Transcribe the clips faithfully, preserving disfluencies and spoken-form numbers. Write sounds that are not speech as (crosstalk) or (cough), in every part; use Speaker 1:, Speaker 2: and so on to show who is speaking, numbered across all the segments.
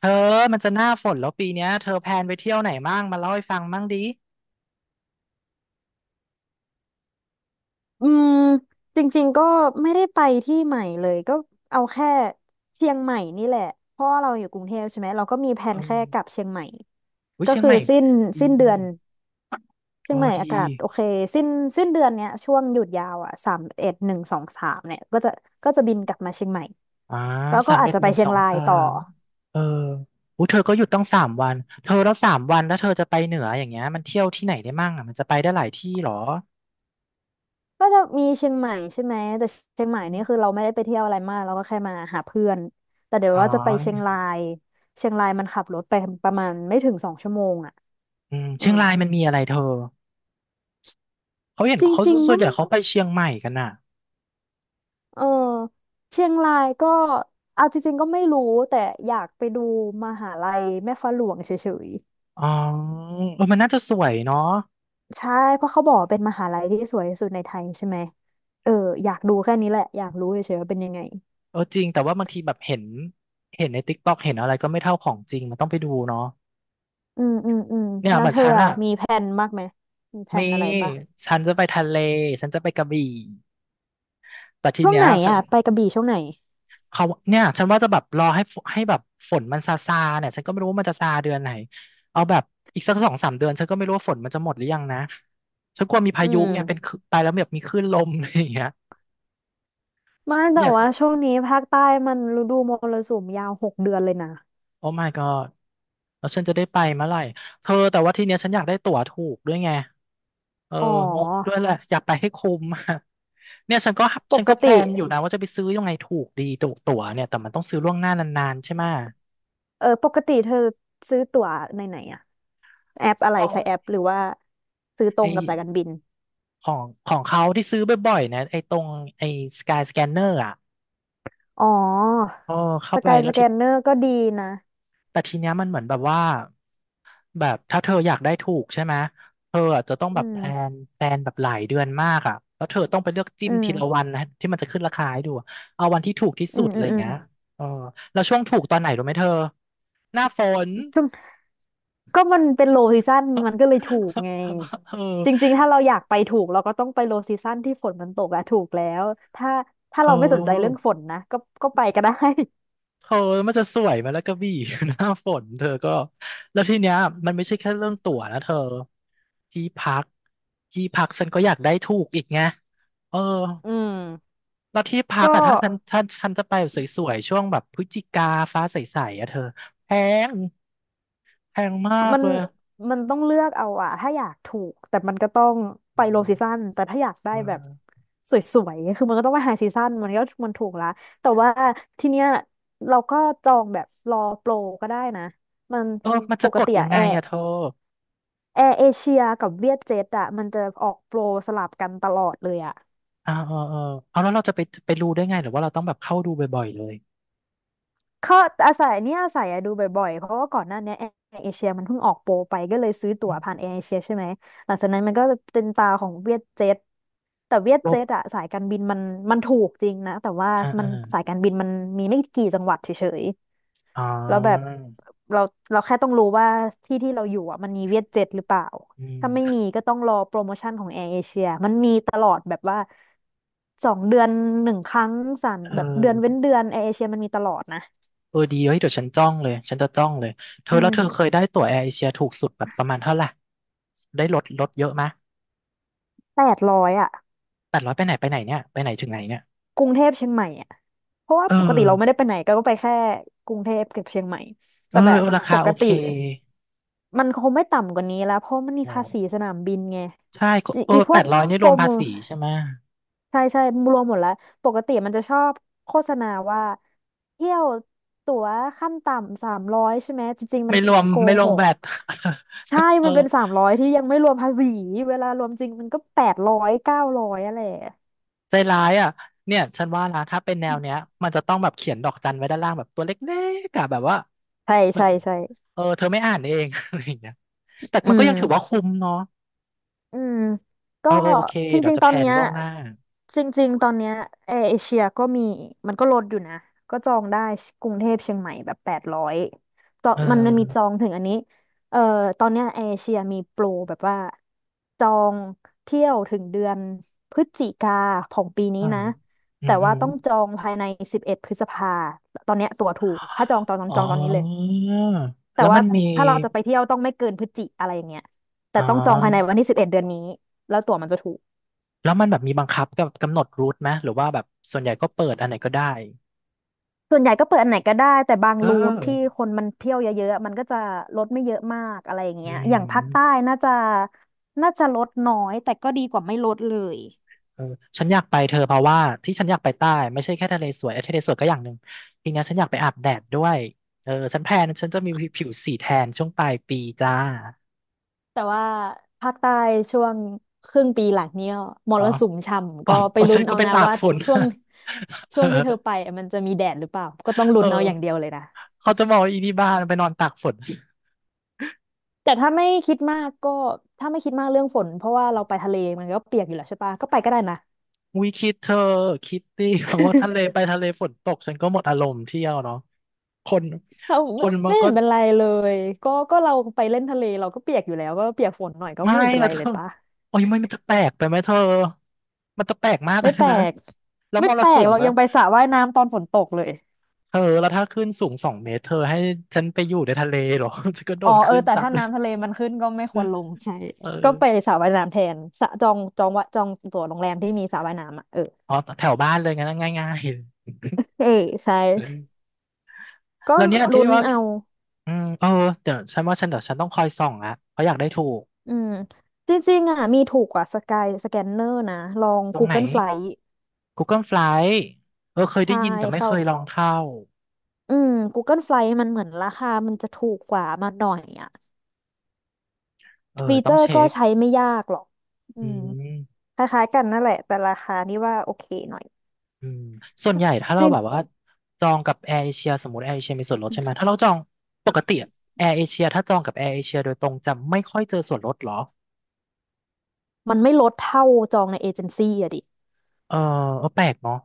Speaker 1: เธอมันจะหน้าฝนแล้วปีเนี้ยเธอแพลนไปเที่ยวไหนบ้างมาเล่าให้ฟังบ้างดิ
Speaker 2: อืมจริงๆก็ไม่ได้ไปที่ใหม่เลยก็เอาแค่เชียงใหม่นี่แหละเพราะว่าเราอยู่กรุงเทพใช่ไหมเราก็มีแผ
Speaker 1: เอ
Speaker 2: นแค่กลับ
Speaker 1: อ
Speaker 2: เชียงใหม่
Speaker 1: อุ้ย
Speaker 2: ก็
Speaker 1: เชียง
Speaker 2: คือ
Speaker 1: ใหม่
Speaker 2: สิ้น
Speaker 1: ดี
Speaker 2: สิ้นเดือนเชีย
Speaker 1: โอ้
Speaker 2: งใหม่
Speaker 1: ดี
Speaker 2: อากาศโอเคสิ้นสิ้นเดือนเนี้ยช่วงหยุดยาวอ่ะสามเอ็ดหนึ่งสองสามเนี่ยก็จะก็จะบินกลับมาเชียงใหม่
Speaker 1: อ่า
Speaker 2: แล้ว
Speaker 1: สา
Speaker 2: ก็
Speaker 1: ม
Speaker 2: อา
Speaker 1: เอ็
Speaker 2: จ
Speaker 1: ด
Speaker 2: จะ
Speaker 1: ห
Speaker 2: ไป
Speaker 1: นึ่ง
Speaker 2: เชี
Speaker 1: ส
Speaker 2: ยง
Speaker 1: อง
Speaker 2: ราย
Speaker 1: สา
Speaker 2: ต่อ
Speaker 1: มเอออุ้ยเธอก็หยุดต้องสามวันเธอแล้วสามวันแล้วเธอจะไปเหนืออย่างเงี้ยมันเที่ยวที่ไหนได้มั่งอ่ะมันจะไปได้หลายที่เหรอ
Speaker 2: ก็จะมีเชียงใหม่ใช่ไหมแต่เชียงใหม่นี่คือเราไม่ได้ไปเที่ยวอะไรมากเราก็แค่มาหาเพื่อนแต่เดี๋ยว
Speaker 1: อ๋อ
Speaker 2: ว่าจะไปเชียงรายเชียงรายมันขับรถไปประมาณไม่ถึงสองชั่วโมงอ่ะ
Speaker 1: อืม
Speaker 2: เออ
Speaker 1: เชียงรายมันมีอะไรเธอเขาเห็น
Speaker 2: จร
Speaker 1: เขา
Speaker 2: ิงๆ
Speaker 1: ส่ว
Speaker 2: ก็
Speaker 1: นใหญ่เขาไปเชียงใหม่กันอ่ะ
Speaker 2: เออเชียงรายก็เอาจริงๆก็ไม่รู้แต่อยากไปดูมหาลัยแม่ฟ้าหลวงเฉย
Speaker 1: อ๋อเออมันน่าจะสวยเนาะ
Speaker 2: ๆใช่เพราะเขาบอกว่าเป็นมหาลัยที่สวยที่สุดในไทยใช่ไหมเอออยากดูแค่นี้แหละอยากรู้เฉยๆว่าเป็นยังไง
Speaker 1: เออจริงแต่ว่าบางทีแบบเห็นเห็นในติ๊กต็อกเห็นอะไรก็ไม่เท่าของจริงมันต้องไปดูเนาะ
Speaker 2: อืมอืมอืม
Speaker 1: เนี่ย
Speaker 2: แล้
Speaker 1: เห
Speaker 2: ว
Speaker 1: มือน
Speaker 2: เธอ
Speaker 1: ฉัน
Speaker 2: อะ
Speaker 1: อะ
Speaker 2: มีแผนมากไหมมีแผ
Speaker 1: มี
Speaker 2: นอะไรปะ
Speaker 1: ฉันจะไปทะเลฉันจะไปกระบี่แต่ที
Speaker 2: ช่วง
Speaker 1: เนี้ย
Speaker 2: ไหน
Speaker 1: ฉัน
Speaker 2: อ่ะไปกระบี่ช่วงไหน
Speaker 1: เขาเนี่ยฉันว่าจะแบบรอให้ฝให้แบบฝนมันซาซาเนี่ยฉันก็ไม่รู้ว่ามันจะซาเดือนไหนเอาแบบอีกสักสองสามเดือนฉันก็ไม่รู้ว่าฝนมันจะหมดหรือยังนะฉันกลัวมีพา
Speaker 2: อื
Speaker 1: ยุ
Speaker 2: ม
Speaker 1: ไงเป็นคลื่นไปแล้วแบบมีคลื่นลมอะไรอย่างเงี้ย
Speaker 2: ไม่แต่
Speaker 1: เนี่ย
Speaker 2: ว่าช่วงนี้ภาคใต้มันฤดูมรสุมยาวหกเดือนเลยนะ
Speaker 1: โอ้ my god แล้วฉันจะได้ไปเมื่อไหร่เธอแต่ว่าทีเนี้ยฉันอยากได้ตั๋วถูกด้วยไงเออ
Speaker 2: อ๋อ
Speaker 1: งงด้วยแหละอยากไปให้คุ้มอะเนี่ยฉันก็
Speaker 2: ป
Speaker 1: ฉันก็แพ
Speaker 2: ก
Speaker 1: ล
Speaker 2: ติ
Speaker 1: นอยู่นะว่าจะไปซื้อยังไงถูกดีตั๋วตั๋วเนี่ยแต่มันต้องซื้อล่วงหน้านานๆใช่ไหมะ
Speaker 2: เออปกติเธอซื้อตั๋วในไหนอะแอปอะไรใช้แอปหรือว่าซื้อตรงกับสา
Speaker 1: ไอ
Speaker 2: ยการบิน
Speaker 1: ของของเขาที่ซื้อบ่อยๆนะไอตรงไอสกายสแกนเนอร์อ่ะ
Speaker 2: อ๋อ
Speaker 1: เออเข้า
Speaker 2: ส
Speaker 1: ไป
Speaker 2: กาย
Speaker 1: แล้
Speaker 2: ส
Speaker 1: ว
Speaker 2: แก
Speaker 1: ที
Speaker 2: นเนอร์ก็ดีนะ
Speaker 1: แต่ทีเนี้ยมันเหมือนแบบว่า แบบถ้าเธออยากได้ถูกใช่ไหมเธออะจะต้อง
Speaker 2: อื
Speaker 1: แบบ
Speaker 2: ม
Speaker 1: แพลนแพลนแบบหลายเดือนมากอ่ะแล้วเธอต้องไปเลือกจิ้
Speaker 2: อื
Speaker 1: มทีละ
Speaker 2: ม
Speaker 1: วันนะที่มันจะขึ้นราคาให้ดูอะเอาวันที่ถูกที่
Speaker 2: อื
Speaker 1: สุด
Speaker 2: ม
Speaker 1: เล
Speaker 2: อื
Speaker 1: ย
Speaker 2: ม
Speaker 1: อย่า
Speaker 2: อื
Speaker 1: ง
Speaker 2: ม
Speaker 1: เงี้ยเออแล้วช่วงถูกตอนไหนรู้ไหมเธอหน้าฝน
Speaker 2: ก็มันเป็นโลซีซั o นมันก็เลยถูกไง
Speaker 1: (laughs) เออ
Speaker 2: จริงๆถ้าเราอยากไปถูกเราก็ต้องไปโลซีซั o นที่ฝนมันตกอะถูกแล้วถ้า
Speaker 1: เธ
Speaker 2: ถ้าเราไม่สนใจเรื่อง
Speaker 1: อ
Speaker 2: ฝนนะก็ก็ไปก็ได้
Speaker 1: เธอมันจะสวยไหมแล้วกระบี่ (laughs) หน้าฝนเธอก็แล้วทีเนี้ยมันไม่ใช่แค่เรื่องตั๋วนะเธอที่พักที่พักฉันก็อยากได้ถูกอีกไงเออ
Speaker 2: (laughs) อืม
Speaker 1: แล้วที่พัก
Speaker 2: ก็
Speaker 1: อะถ้าฉันถ้าฉันจะไปแบบสวยๆช่วงแบบพฤศจิกาฟ้าใสๆอะเธอแพงแพงมาก
Speaker 2: มัน
Speaker 1: เลย
Speaker 2: มันต้องเลือกเอาอะ ถ้าอยากถูกแต่มันก็ต้องไปโลซีซั o นแต่ถ้าอยากได้
Speaker 1: เอ
Speaker 2: แบบ
Speaker 1: อ
Speaker 2: สวยๆคือมันก็ต้องไปไฮซีซั o นมันก็มันถูกละแต่ว่าทีเนี้ยเราก็จองแบบรอโปรก็ได้นะมัน
Speaker 1: เออมัน
Speaker 2: ป
Speaker 1: จะ
Speaker 2: ก
Speaker 1: กด
Speaker 2: ติ
Speaker 1: ยั
Speaker 2: อะ
Speaker 1: งไง
Speaker 2: แอร์
Speaker 1: อะเธอ
Speaker 2: แอร์เอเชียกับเวียดเจ็ตอ่ะมันจะออกโปรสลับกันตลอดเลยอ่ะ
Speaker 1: อ่าเออเออเอาแล้วเราจะไปไปรู้ได้ไงหรือว่าเราต้องแบบเข้าดูบ่อยๆเลย
Speaker 2: เขาอาศัยเนี่ยอาศัยอะดูบ่อยๆเพราะว่าก่อนหน้าเนี้แอร์เอเชียมันเพิ่งออกโปรไปก็เลยซื้อตั๋
Speaker 1: อื
Speaker 2: วผ่าน
Speaker 1: ม
Speaker 2: แอร์เอเชียใช่ไหมหลังจากนั้นมันก็จะเป็นตาของเวียดเจ็ตแต่เวียด
Speaker 1: โล
Speaker 2: เจ็ตอ่ะสายการบินมันมันถูกจริงนะแต่ว่า
Speaker 1: อ่า
Speaker 2: มั
Speaker 1: อ่า
Speaker 2: นสายการบินมันมีไม่กี่จังหวัดเฉย
Speaker 1: อ๋อ
Speaker 2: แล้วแบบเราเราแค่ต้องรู้ว่าที่ที่เราอยู่อ่ะมันมีเวียดเจ็ตหรือเปล่า
Speaker 1: อื
Speaker 2: ถ้าไม่
Speaker 1: ม
Speaker 2: มีก็ต้องรอโปรโมชั่นของแอร์เอเชียมันมีตลอดแบบว่าสองเดือนหนึ่งครั้งสั่น
Speaker 1: เอ
Speaker 2: แบบเดือนเว้น
Speaker 1: อ
Speaker 2: เดือนแอร์เอเชียมันมีตลอดนะ
Speaker 1: เออดีเฮ้ยเดี๋ยวฉันจ้องเลยฉันจะจ้องเลยเธอ
Speaker 2: อื
Speaker 1: แล้วเธอ
Speaker 2: ม
Speaker 1: เคยได้ตั๋วแอร์เอเชียถูกสุดแบบประมาณเท่าไหร่ได้ลดลดเยอะมะ
Speaker 2: แปดร้อยอ่ะ
Speaker 1: แต่ร้อยไปไหนไปไหนเนี่ยไปไหนถึงไหนเนี่ย
Speaker 2: กรุงเทพเชียงใหม่อ่ะเพราะว่า
Speaker 1: เออ
Speaker 2: ปกติเราไม่ได้ไปไหนก็ไปแค่กรุงเทพกับเชียงใหม่
Speaker 1: เอ
Speaker 2: แต่
Speaker 1: อ
Speaker 2: แบ
Speaker 1: เอ
Speaker 2: บ
Speaker 1: อรา
Speaker 2: ป
Speaker 1: คาโอ
Speaker 2: ก
Speaker 1: เค
Speaker 2: ติมันคงไม่ต่ำกว่านี้แล้วเพราะมันมี
Speaker 1: อ๋อ
Speaker 2: ภาษีสนามบินไง
Speaker 1: ใช่ก็เออ
Speaker 2: อีพ
Speaker 1: แป
Speaker 2: วก
Speaker 1: ดร้อยนี่
Speaker 2: โป
Speaker 1: ร
Speaker 2: ร
Speaker 1: วมภา
Speaker 2: โม
Speaker 1: ษีใช่ไหม
Speaker 2: ใช่ใช่รวมหมดแล้วปกติมันจะชอบโฆษณาว่าเที่ยวตั๋วขั้นต่ำสามร้อยใช่ไหมจริงๆมั
Speaker 1: ไม่
Speaker 2: น
Speaker 1: รวม
Speaker 2: โก
Speaker 1: ไม่รว
Speaker 2: ห
Speaker 1: มแว
Speaker 2: ก
Speaker 1: ด
Speaker 2: ใช่
Speaker 1: (laughs) เอ
Speaker 2: มั
Speaker 1: อ
Speaker 2: นเป็นสามร้อยที่ยังไม่รวมภาษีเวลารวมจริงมันก็แปดร้อยเก้าร้อยอะไรอะ
Speaker 1: ใจร้ายอ่ะเนี่ยฉันว่านะถ้าเป็นแนวเนี้ยมันจะต้องแบบเขียนดอกจันไว้ด้านล่างแบบตัวเล็กๆอะแบบว่า
Speaker 2: ใช่
Speaker 1: แบ
Speaker 2: ใช่
Speaker 1: บ
Speaker 2: ใช่
Speaker 1: เออเธอไม่อ่านเอง (laughs) อะไรอย่างเงี้ยแต่
Speaker 2: อื
Speaker 1: มันก็
Speaker 2: ม
Speaker 1: ยังถือว่าคุ้มเนาะ
Speaker 2: อืม
Speaker 1: เอ
Speaker 2: ก็
Speaker 1: อเออโอเค
Speaker 2: จ
Speaker 1: เดี๋ย
Speaker 2: ริ
Speaker 1: ว
Speaker 2: ง
Speaker 1: จะ
Speaker 2: ๆต
Speaker 1: แพ
Speaker 2: อน
Speaker 1: ลน
Speaker 2: เนี้ย
Speaker 1: ล่วงหน้า
Speaker 2: จริงๆตอนเนี้ยแอร์เอเชียก็มีมันก็ลดอยู่นะก็จองได้กรุงเทพเชียงใหม่แบบแปดร้อยจอง
Speaker 1: เอ
Speaker 2: มันมันมีจอ
Speaker 1: อ
Speaker 2: งถึงอันนี้เอ่อตอนเนี้ยแอร์เอเชียมีโปรแบบว่าจองเที่ยวถึงเดือนพฤศจิกาของปีนี้
Speaker 1: อ่า
Speaker 2: นะ
Speaker 1: อื
Speaker 2: แต่
Speaker 1: อหื
Speaker 2: ว่า
Speaker 1: อ
Speaker 2: ต้องจองภายในสิบเอ็ดพฤษภาตอนเนี้ยตั๋วถูกถ้าจองตอนนั้น
Speaker 1: อ๋อ
Speaker 2: จองตอนนี้เลย แต่
Speaker 1: แล้ว
Speaker 2: ว่า
Speaker 1: มันมี
Speaker 2: ถ้าเราจะไปเที่ยวต้องไม่เกินพฤศจิอะไรอย่างเงี้ยแต่
Speaker 1: อ๋อ
Speaker 2: ต้องจองภายในวันที่สิบเอ็ดเดือนนี้แล้วตั๋วมันจะถูก
Speaker 1: แล้วมันแบบมีบังคับกับกำหนดรูทไหมหรือว่าแบบส่วนใหญ่ก็เปิดอันไหนก็ได้
Speaker 2: ส่วนใหญ่ก็เปิดอันไหนก็ได้แต่บาง
Speaker 1: เอ
Speaker 2: รูทที่
Speaker 1: อ
Speaker 2: คนมันเที่ยวเยอะๆมันก็จะลดไม่เยอะมากอะไรอย่าง
Speaker 1: อื
Speaker 2: เงี้ยอย่างภาคใต้
Speaker 1: ม
Speaker 2: น่าจะน่าจะลดน้อยแต่ก็ดีกว่าไม่ลดเลย
Speaker 1: เออฉันอยากไปเธอเพราะว่าที่ฉันอยากไปใต้ไม่ใช่แค่ทะเลสวยเอ้ยทะเลสวยก็อย่างหนึ่งทีเนี้ยฉันอยากไปอาบแดดด้วยเออฉันแพลนฉันจะมีผิวสีแทนช่วงปลายปีจ้า
Speaker 2: แต่ว่าภาคใต้ช่วงครึ่งปีหลังเนี้ยม
Speaker 1: อ๋อ
Speaker 2: รสุมช่ำ
Speaker 1: อ๋อ
Speaker 2: ก็ไป
Speaker 1: อ๋อ
Speaker 2: ลุ้
Speaker 1: ฉัน
Speaker 2: น
Speaker 1: ก็
Speaker 2: เอา
Speaker 1: ไป
Speaker 2: นะ
Speaker 1: ตาก
Speaker 2: ว่า
Speaker 1: ฝน
Speaker 2: ช่วง
Speaker 1: (laughs)
Speaker 2: ช่วงที่เธอ
Speaker 1: เออ
Speaker 2: ไปอะมันจะมีแดดหรือเปล่าก็ต้องลุ้
Speaker 1: เออ
Speaker 2: นเอาอย่างเดียวเลยนะ
Speaker 1: เขาจะบอกว่าอีนี่บ้านไปนอนตากฝน
Speaker 2: แต่ถ้าไม่คิดมากก็ถ้าไม่คิดมากเรื่องฝนเพราะว่าเราไปทะเลมันก็เปียกอยู่แล้วใช่ปะก็ไปก็ได้นะ
Speaker 1: อุ้ยคิดเธอคิดดิเพราะว่าทะเลไป
Speaker 2: (laughs)
Speaker 1: ทะเลฝนตกฉันก็หมดอารมณ์เที่ยวเนาะคน
Speaker 2: เรา
Speaker 1: คนมั
Speaker 2: ไม่
Speaker 1: น
Speaker 2: ไม่
Speaker 1: ก็
Speaker 2: เห็นเป็นไรเลยก็ก็เราไปเล่นทะเลเราก็เปียกอยู่แล้วก็เปียกฝนหน่อยก็
Speaker 1: ไม่
Speaker 2: ไม่เห็นเป็น
Speaker 1: นะ
Speaker 2: ไร
Speaker 1: เธ
Speaker 2: เล
Speaker 1: อ
Speaker 2: ยปะ
Speaker 1: โอ้ยมันมันจะแปลกไปไหมเธอ มันจะแปลกมากเล
Speaker 2: ไม่
Speaker 1: ย
Speaker 2: แปล
Speaker 1: นะ
Speaker 2: ก
Speaker 1: แล้ว
Speaker 2: ไม่
Speaker 1: มร
Speaker 2: แปล
Speaker 1: สุ
Speaker 2: ก
Speaker 1: ม
Speaker 2: เรา
Speaker 1: นะ
Speaker 2: ยังไปสระว่ายน้ำตอนฝนตกเลย
Speaker 1: เธอ แล้วถ้าขึ้นสูงสองเมตรเธอให้ฉันไปอยู่ในทะเลเหรอ (laughs) ฉันก็โด
Speaker 2: อ๋อ
Speaker 1: นค
Speaker 2: เออ
Speaker 1: ลื่น
Speaker 2: แต่
Speaker 1: ซัด
Speaker 2: ถ้าน้ำทะเลมันขึ้นก็ไม่ควรลงใช่
Speaker 1: เออ
Speaker 2: ก็ไปสระว่ายน้ำแทนสระจองจองวะจองตั๋วโรงแรมที่มีสระว่ายน้ำอ่ะเออ
Speaker 1: อ๋อแถวบ้านเลยงั้นง่ายง่าย
Speaker 2: เออใช่
Speaker 1: ๆเออ
Speaker 2: ก็
Speaker 1: แล้วเนี่ยที่
Speaker 2: ลุ้น
Speaker 1: ว่า
Speaker 2: เอา
Speaker 1: ที่อืมเออเดี๋ยวฉันว่าฉันเดี๋ยวฉันต้องคอยส่องละเพราะอยากได้ถูก
Speaker 2: อืมจริงๆอ่ะมีถูกกว่าสกายสแกนเนอร์นะลอง
Speaker 1: ตรงไหน
Speaker 2: Google Flight
Speaker 1: Google Flight เออเคยได้
Speaker 2: ใช่
Speaker 1: ยินแต่ไม่
Speaker 2: เข้า
Speaker 1: เคยลองเข้า
Speaker 2: อืม Google Flight มันเหมือนราคามันจะถูกกว่ามาหน่อยอ่ะ
Speaker 1: เออ
Speaker 2: ฟี
Speaker 1: ต้
Speaker 2: เจ
Speaker 1: อ
Speaker 2: อ
Speaker 1: ง
Speaker 2: ร์
Speaker 1: เช็
Speaker 2: ก็
Speaker 1: ค
Speaker 2: ใช้ไม่ยากหรอกอื
Speaker 1: อื
Speaker 2: ม
Speaker 1: ม
Speaker 2: คล้ายๆกันนั่นแหละแต่ราคานี่ว่าโอเคหน่อย
Speaker 1: อืมส่วนใหญ่ถ้า
Speaker 2: จ
Speaker 1: เรา
Speaker 2: ริง
Speaker 1: แบบว่าจองกับแอร์เอเชียสมมติแอร์เอเชียมีส่วนลดใช่ไหมถ้าเราจองปกติแอร์เอเชียถ้าจองกับแอร์เอเชียโดยตรงจะไม่ค่อยเจอส่วนลดเหรอ
Speaker 2: มันไม่ลดเท่าจองในเอเจนซี่อะดิ
Speaker 1: เออเออแปลกเนาะ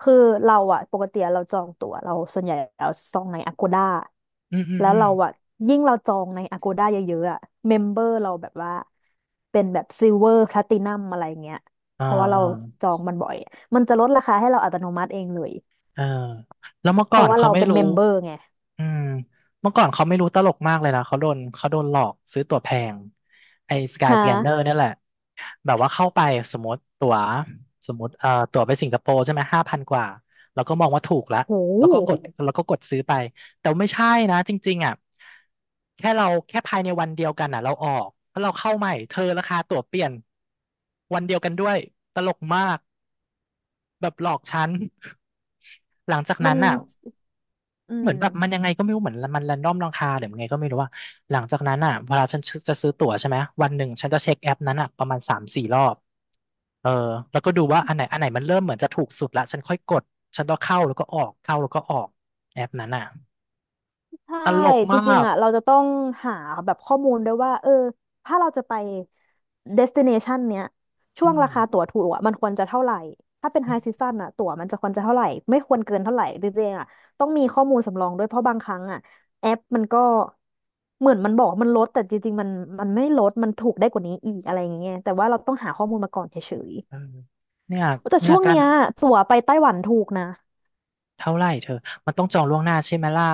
Speaker 2: คือเราอะปกติเราจองตั๋วเราส่วนใหญ่เราจองใน Agoda
Speaker 1: อืมอืม
Speaker 2: แล้ว
Speaker 1: อืม
Speaker 2: เราอะยิ่งเราจองใน Agoda เยอะๆอะเมมเบอร์เราแบบว่าเป็นแบบซิลเวอร์ แอล เอ ล ไอ ตินัมอะไรเงี้ย
Speaker 1: อ่า
Speaker 2: เพราะว่าเรา
Speaker 1: อ่า
Speaker 2: จองมันบ่อยมันจะลดราคาให้เราอัตโนมัติเองเลย
Speaker 1: เออแล้วเมื่อ
Speaker 2: เพ
Speaker 1: ก่อ
Speaker 2: ราะ
Speaker 1: น
Speaker 2: ว่า
Speaker 1: เขา
Speaker 2: เรา
Speaker 1: ไม่
Speaker 2: เป็นเม
Speaker 1: รู้
Speaker 2: มเบอร์ไง
Speaker 1: อืมเมื่อก่อนเขาไม่รู้ตลกมากเลยนะเขาโดนเขาโดนหลอกซื้อตั๋วแพงไอ้สกาย
Speaker 2: ฮะ
Speaker 1: สแกนเนอร์นี่ยแหละ แบบว่าเข้าไปสมมติตั๋วสมมติเอ่อตั๋วไปสิงคโปร์ใช่ไหมห้าพันกว่าแล้วก็มองว่าถูกละ
Speaker 2: โ
Speaker 1: แล้วก็กด
Speaker 2: ห
Speaker 1: แล้วก็กดซื้อไปแต่ไม่ใช่นะจริงๆอ่ะแค่เราแค่ภายในวันเดียวกันอ่ะเราออกแล้วเราเข้าใหม่เธอราคาตั๋วเปลี่ยนวันเดียวกันด้วยตลกมากแบบหลอกฉัน (laughs) หลังจาก
Speaker 2: มั
Speaker 1: นั้
Speaker 2: น
Speaker 1: นอ่ะ
Speaker 2: อื
Speaker 1: เหมือ
Speaker 2: ม
Speaker 1: นแบบมันยังไงก็ไม่รู้เหมือนมันแรนดอมราคาหรือยังไงก็ไม่รู้ว่าหลังจากนั้นอ่ะเวลาฉันจะซื้อตั๋วใช่ไหมวันหนึ่งฉันจะเช็คแอปนั้นอ่ะประมาณสามสี่รอบเออแล้วก็ดูว่าอันไหนอันไหนมันเริ่มเหมือนจะถูกสุดละฉันค่อยกดฉันก็เข้าแล้วก็ออกเข้าแล้วก็ออกแอปนั้นอ่ะ
Speaker 2: ใช่
Speaker 1: ตลก
Speaker 2: จ
Speaker 1: มา
Speaker 2: ริง
Speaker 1: ก
Speaker 2: ๆอ่ะเราจะต้องหาแบบข้อมูลด้วยว่าเออถ้าเราจะไป เดสทิเนชั่น เนี้ยช่
Speaker 1: อื
Speaker 2: วง
Speaker 1: ม
Speaker 2: ราคาตั๋วถูกอ่ะมันควรจะเท่าไหร่ถ้าเป็น
Speaker 1: อื
Speaker 2: high
Speaker 1: ม
Speaker 2: season อ่ะตั๋วมันจะควรจะเท่าไหร่ไม่ควรเกินเท่าไหร่จริงๆอ่ะต้องมีข้อมูลสำรองด้วยเพราะบางครั้งอ่ะแอปมันก็เหมือนมันบอกมันลดแต่จริงๆมันมันไม่ลดมันถูกได้กว่านี้อีกอะไรอย่างเงี้ยแต่ว่าเราต้องหาข้อมูลมาก่อนเฉย
Speaker 1: เออเนี่ย
Speaker 2: ๆแต่
Speaker 1: เนี่ย
Speaker 2: ช่วง
Speaker 1: การ
Speaker 2: เนี้ยตั๋วไปไต้หวันถูกนะ
Speaker 1: เท่าไหร่เธอมันต้องจองล่วงหน้าใช่ไหมล่ะ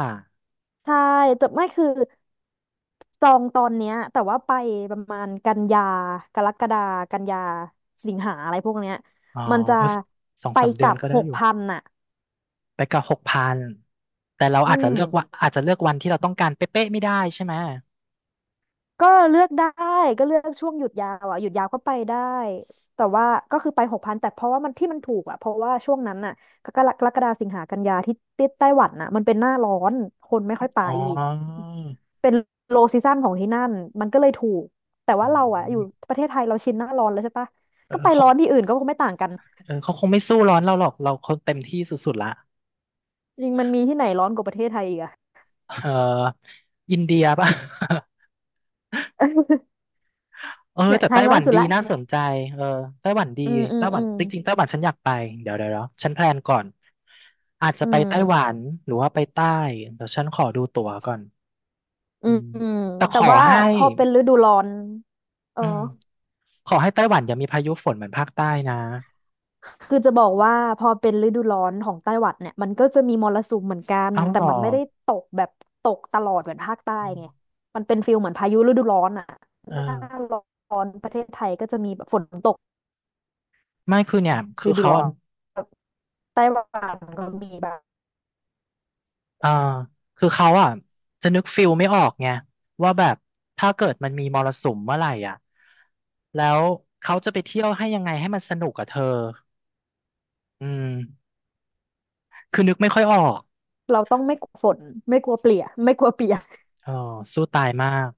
Speaker 2: ใช่แต่ไม่คือจองตอนเนี้ยแต่ว่าไปประมาณกันยากรกฎากันยาสิงหาอะไรพวกเนี้ย
Speaker 1: อ๋อ
Speaker 2: มันจะ
Speaker 1: เออสอง
Speaker 2: ไป
Speaker 1: สาม
Speaker 2: ก
Speaker 1: เดือ
Speaker 2: ลั
Speaker 1: น
Speaker 2: บ
Speaker 1: ก็ได้
Speaker 2: หก
Speaker 1: อยู่
Speaker 2: พันน่ะ
Speaker 1: ไปกับหกพันแต่เรา
Speaker 2: อื
Speaker 1: อาจจะ
Speaker 2: ม
Speaker 1: เลือกว่าอาจจะเลือกวันที่เราต้องการเป๊ะๆไม่ได้ใช่ไหม
Speaker 2: ก็เลือกได้ก็เลือกช่วงหยุดยาวอ่ะหยุดยาวก็ไปได้แต่ว่าก็คือไปหกพันแต่เพราะว่ามันที่มันถูกอ่ะเพราะว่าช่วงนั้นน่ะกรกกรกฎาสิงหากันยาที่ที่ไต้หวันน่ะมันเป็นหน้าร้อนคนไม่ค่อยไป
Speaker 1: อ๋อ
Speaker 2: เป็นโลซีซั่นของที่นั่นมันก็เลยถูกแต่
Speaker 1: อื
Speaker 2: ว่าเราอ่ะอยู่
Speaker 1: ม
Speaker 2: ประเทศไทยเราชินหน้าร้อนแล้วใช่ปะ
Speaker 1: เออ
Speaker 2: ก็ไป
Speaker 1: เขา
Speaker 2: ร้อนที่อื่นก็คงไม่ต่างกัน
Speaker 1: เออเขาคงไม่สู้ร้อนเราหรอกเราคงเต็มที่สุดๆละ
Speaker 2: จริงมันมีที่ไหนร้อนกว่าประเทศไทยอีกอะ
Speaker 1: เอออินเดียป่ะ
Speaker 2: (laughs)
Speaker 1: (laughs) เออ
Speaker 2: เนี่ย
Speaker 1: แต่
Speaker 2: ไท
Speaker 1: ไต้
Speaker 2: ย
Speaker 1: ห
Speaker 2: ร้อ
Speaker 1: วั
Speaker 2: น
Speaker 1: น
Speaker 2: สุด
Speaker 1: ดี
Speaker 2: ละ
Speaker 1: น่าสนใจเออไต้หวันดี
Speaker 2: อืมอื
Speaker 1: ไต้
Speaker 2: ม
Speaker 1: หวั
Speaker 2: อื
Speaker 1: น
Speaker 2: ม
Speaker 1: จริงๆไต้หวันฉันอยากไปเดี๋ยวเดี๋ยวเดี๋ยวฉันแพลนก่อนอาจจะ
Speaker 2: อื
Speaker 1: ไป
Speaker 2: ม
Speaker 1: ไต้หวันหรือว่าไปใต้เดี๋ยวฉันขอดูตั๋วก่อน
Speaker 2: อื
Speaker 1: อื
Speaker 2: ม
Speaker 1: ม
Speaker 2: อืม
Speaker 1: แต่ข
Speaker 2: แต่
Speaker 1: อ
Speaker 2: ว่า
Speaker 1: ให้
Speaker 2: พอเป็นฤดูร้อนเออ
Speaker 1: อืม ขอให้ไต้หวันอย่ามีพายุฝนเหมือนภาคใต้นะ
Speaker 2: คือจะบอกว่าพอเป็นฤดูร้อนของไต้หวันเนี่ยมันก็จะมีมรสุมเหมือนกัน
Speaker 1: เอ้าเห
Speaker 2: แต่
Speaker 1: รอ
Speaker 2: มันไม่ได้ตกแบบตกตลอดเหมือนภาคใต้
Speaker 1: อืม
Speaker 2: ไงมันเป็นฟิลเหมือนพายุฤดูร้อนอ่ะ
Speaker 1: เอ
Speaker 2: หน้า
Speaker 1: อ
Speaker 2: ร้อนประเทศไทยก็จะมีแบบฝนตก
Speaker 1: ไม่คือเนี่ยคื
Speaker 2: ฤ
Speaker 1: อ
Speaker 2: ดู
Speaker 1: เขา
Speaker 2: ร้อ
Speaker 1: อ่ะ
Speaker 2: นไต้หวันก็มีแบบ
Speaker 1: เออคือเขาอ่ะจะนึกฟิลไม่ออกไงว่าแบบถ้าเกิดมันมีมรสุมเมื่อไหร่อ่ะแล้วเขาจะไปเที่ยวให้ยังไงให้มันสนุกกับเธออืมคือนึกไม่ค่อยออก
Speaker 2: เราต้องไม่กลัวฝนไม่กลัวเปียกไม่กลัวเปียก
Speaker 1: เออสู้ตายมาก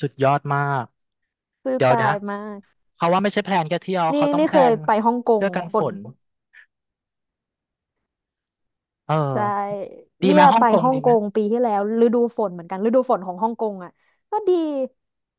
Speaker 1: สุดยอดมาก
Speaker 2: (laughs) คือ
Speaker 1: เดี๋ยว
Speaker 2: ตา
Speaker 1: นะ
Speaker 2: ยมาก
Speaker 1: เขาว่าไม่ใช่แพลนแค่เที่ยว
Speaker 2: นี่
Speaker 1: เขาต้อง
Speaker 2: นี่
Speaker 1: แพ
Speaker 2: เค
Speaker 1: ล
Speaker 2: ย
Speaker 1: น
Speaker 2: ไปฮ่องกง
Speaker 1: เสื้อกัน
Speaker 2: ฝ
Speaker 1: ฝ
Speaker 2: น
Speaker 1: นเอ
Speaker 2: ใช่
Speaker 1: อดี
Speaker 2: เนี้
Speaker 1: ไหม
Speaker 2: ย
Speaker 1: ฮ่อ
Speaker 2: ไป
Speaker 1: งกง
Speaker 2: ฮ่อ
Speaker 1: ดี
Speaker 2: งก
Speaker 1: ไหม
Speaker 2: งปีที่แล้วฤดูฝนเหมือนกันฤดูฝนของฮ่องกงอ่ะก็ดี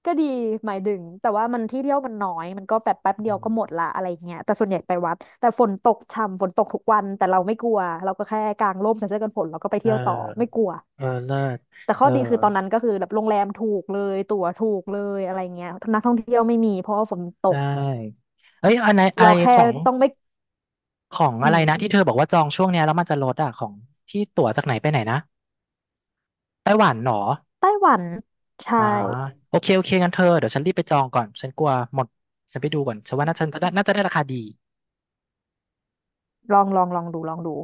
Speaker 2: ก็ดีหมายถึงแต่ว่ามันที่เที่ยวมันน้อยมันก็แบบแป๊บเดี
Speaker 1: อื
Speaker 2: ยว
Speaker 1: ม
Speaker 2: ก็หมดละอะไรอย่างเงี้ยแต่ส่วนใหญ่ไปวัดแต่ฝนตกช่ำฝนตกทุกวันแต่เราไม่กลัวเราก็แค่กางร่มใส่เสื้อกันฝนเราก็ไป
Speaker 1: เออ
Speaker 2: เที่ยวต่อไม่กลัว
Speaker 1: เออเลิศ
Speaker 2: แต่ข้
Speaker 1: เอ
Speaker 2: อ
Speaker 1: อ
Speaker 2: ดีคือตอนนั้นก็คือแบบโรงแรมถูกเลยตั๋วถูกเลยอะไรเงี้ยนักท่องเที่ยวไม่มีเพราะว่าฝนต
Speaker 1: ได
Speaker 2: ก
Speaker 1: ้เอ้ยอันไหนอะไร
Speaker 2: เราแค่
Speaker 1: ของ
Speaker 2: ต้องไม่
Speaker 1: ของ
Speaker 2: อื
Speaker 1: อะไรนะที่
Speaker 2: ม
Speaker 1: เธอบอกว่าจองช่วงเนี้ยแล้วมันจะลดอ่ะของที่ตั๋วจากไหนไปไหนนะไต้หวันเหรอ
Speaker 2: ไต้หวันใช่
Speaker 1: อ๋อโอเคโอเคงั้นเธอเดี๋ยวฉันรีบไปจองก่อนฉันกลัวหมดฉันไปดูก่อนฉันว่าน่าจะน่าจะได้ราคาดี
Speaker 2: ลองลองลองดูลองดู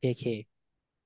Speaker 1: โอเค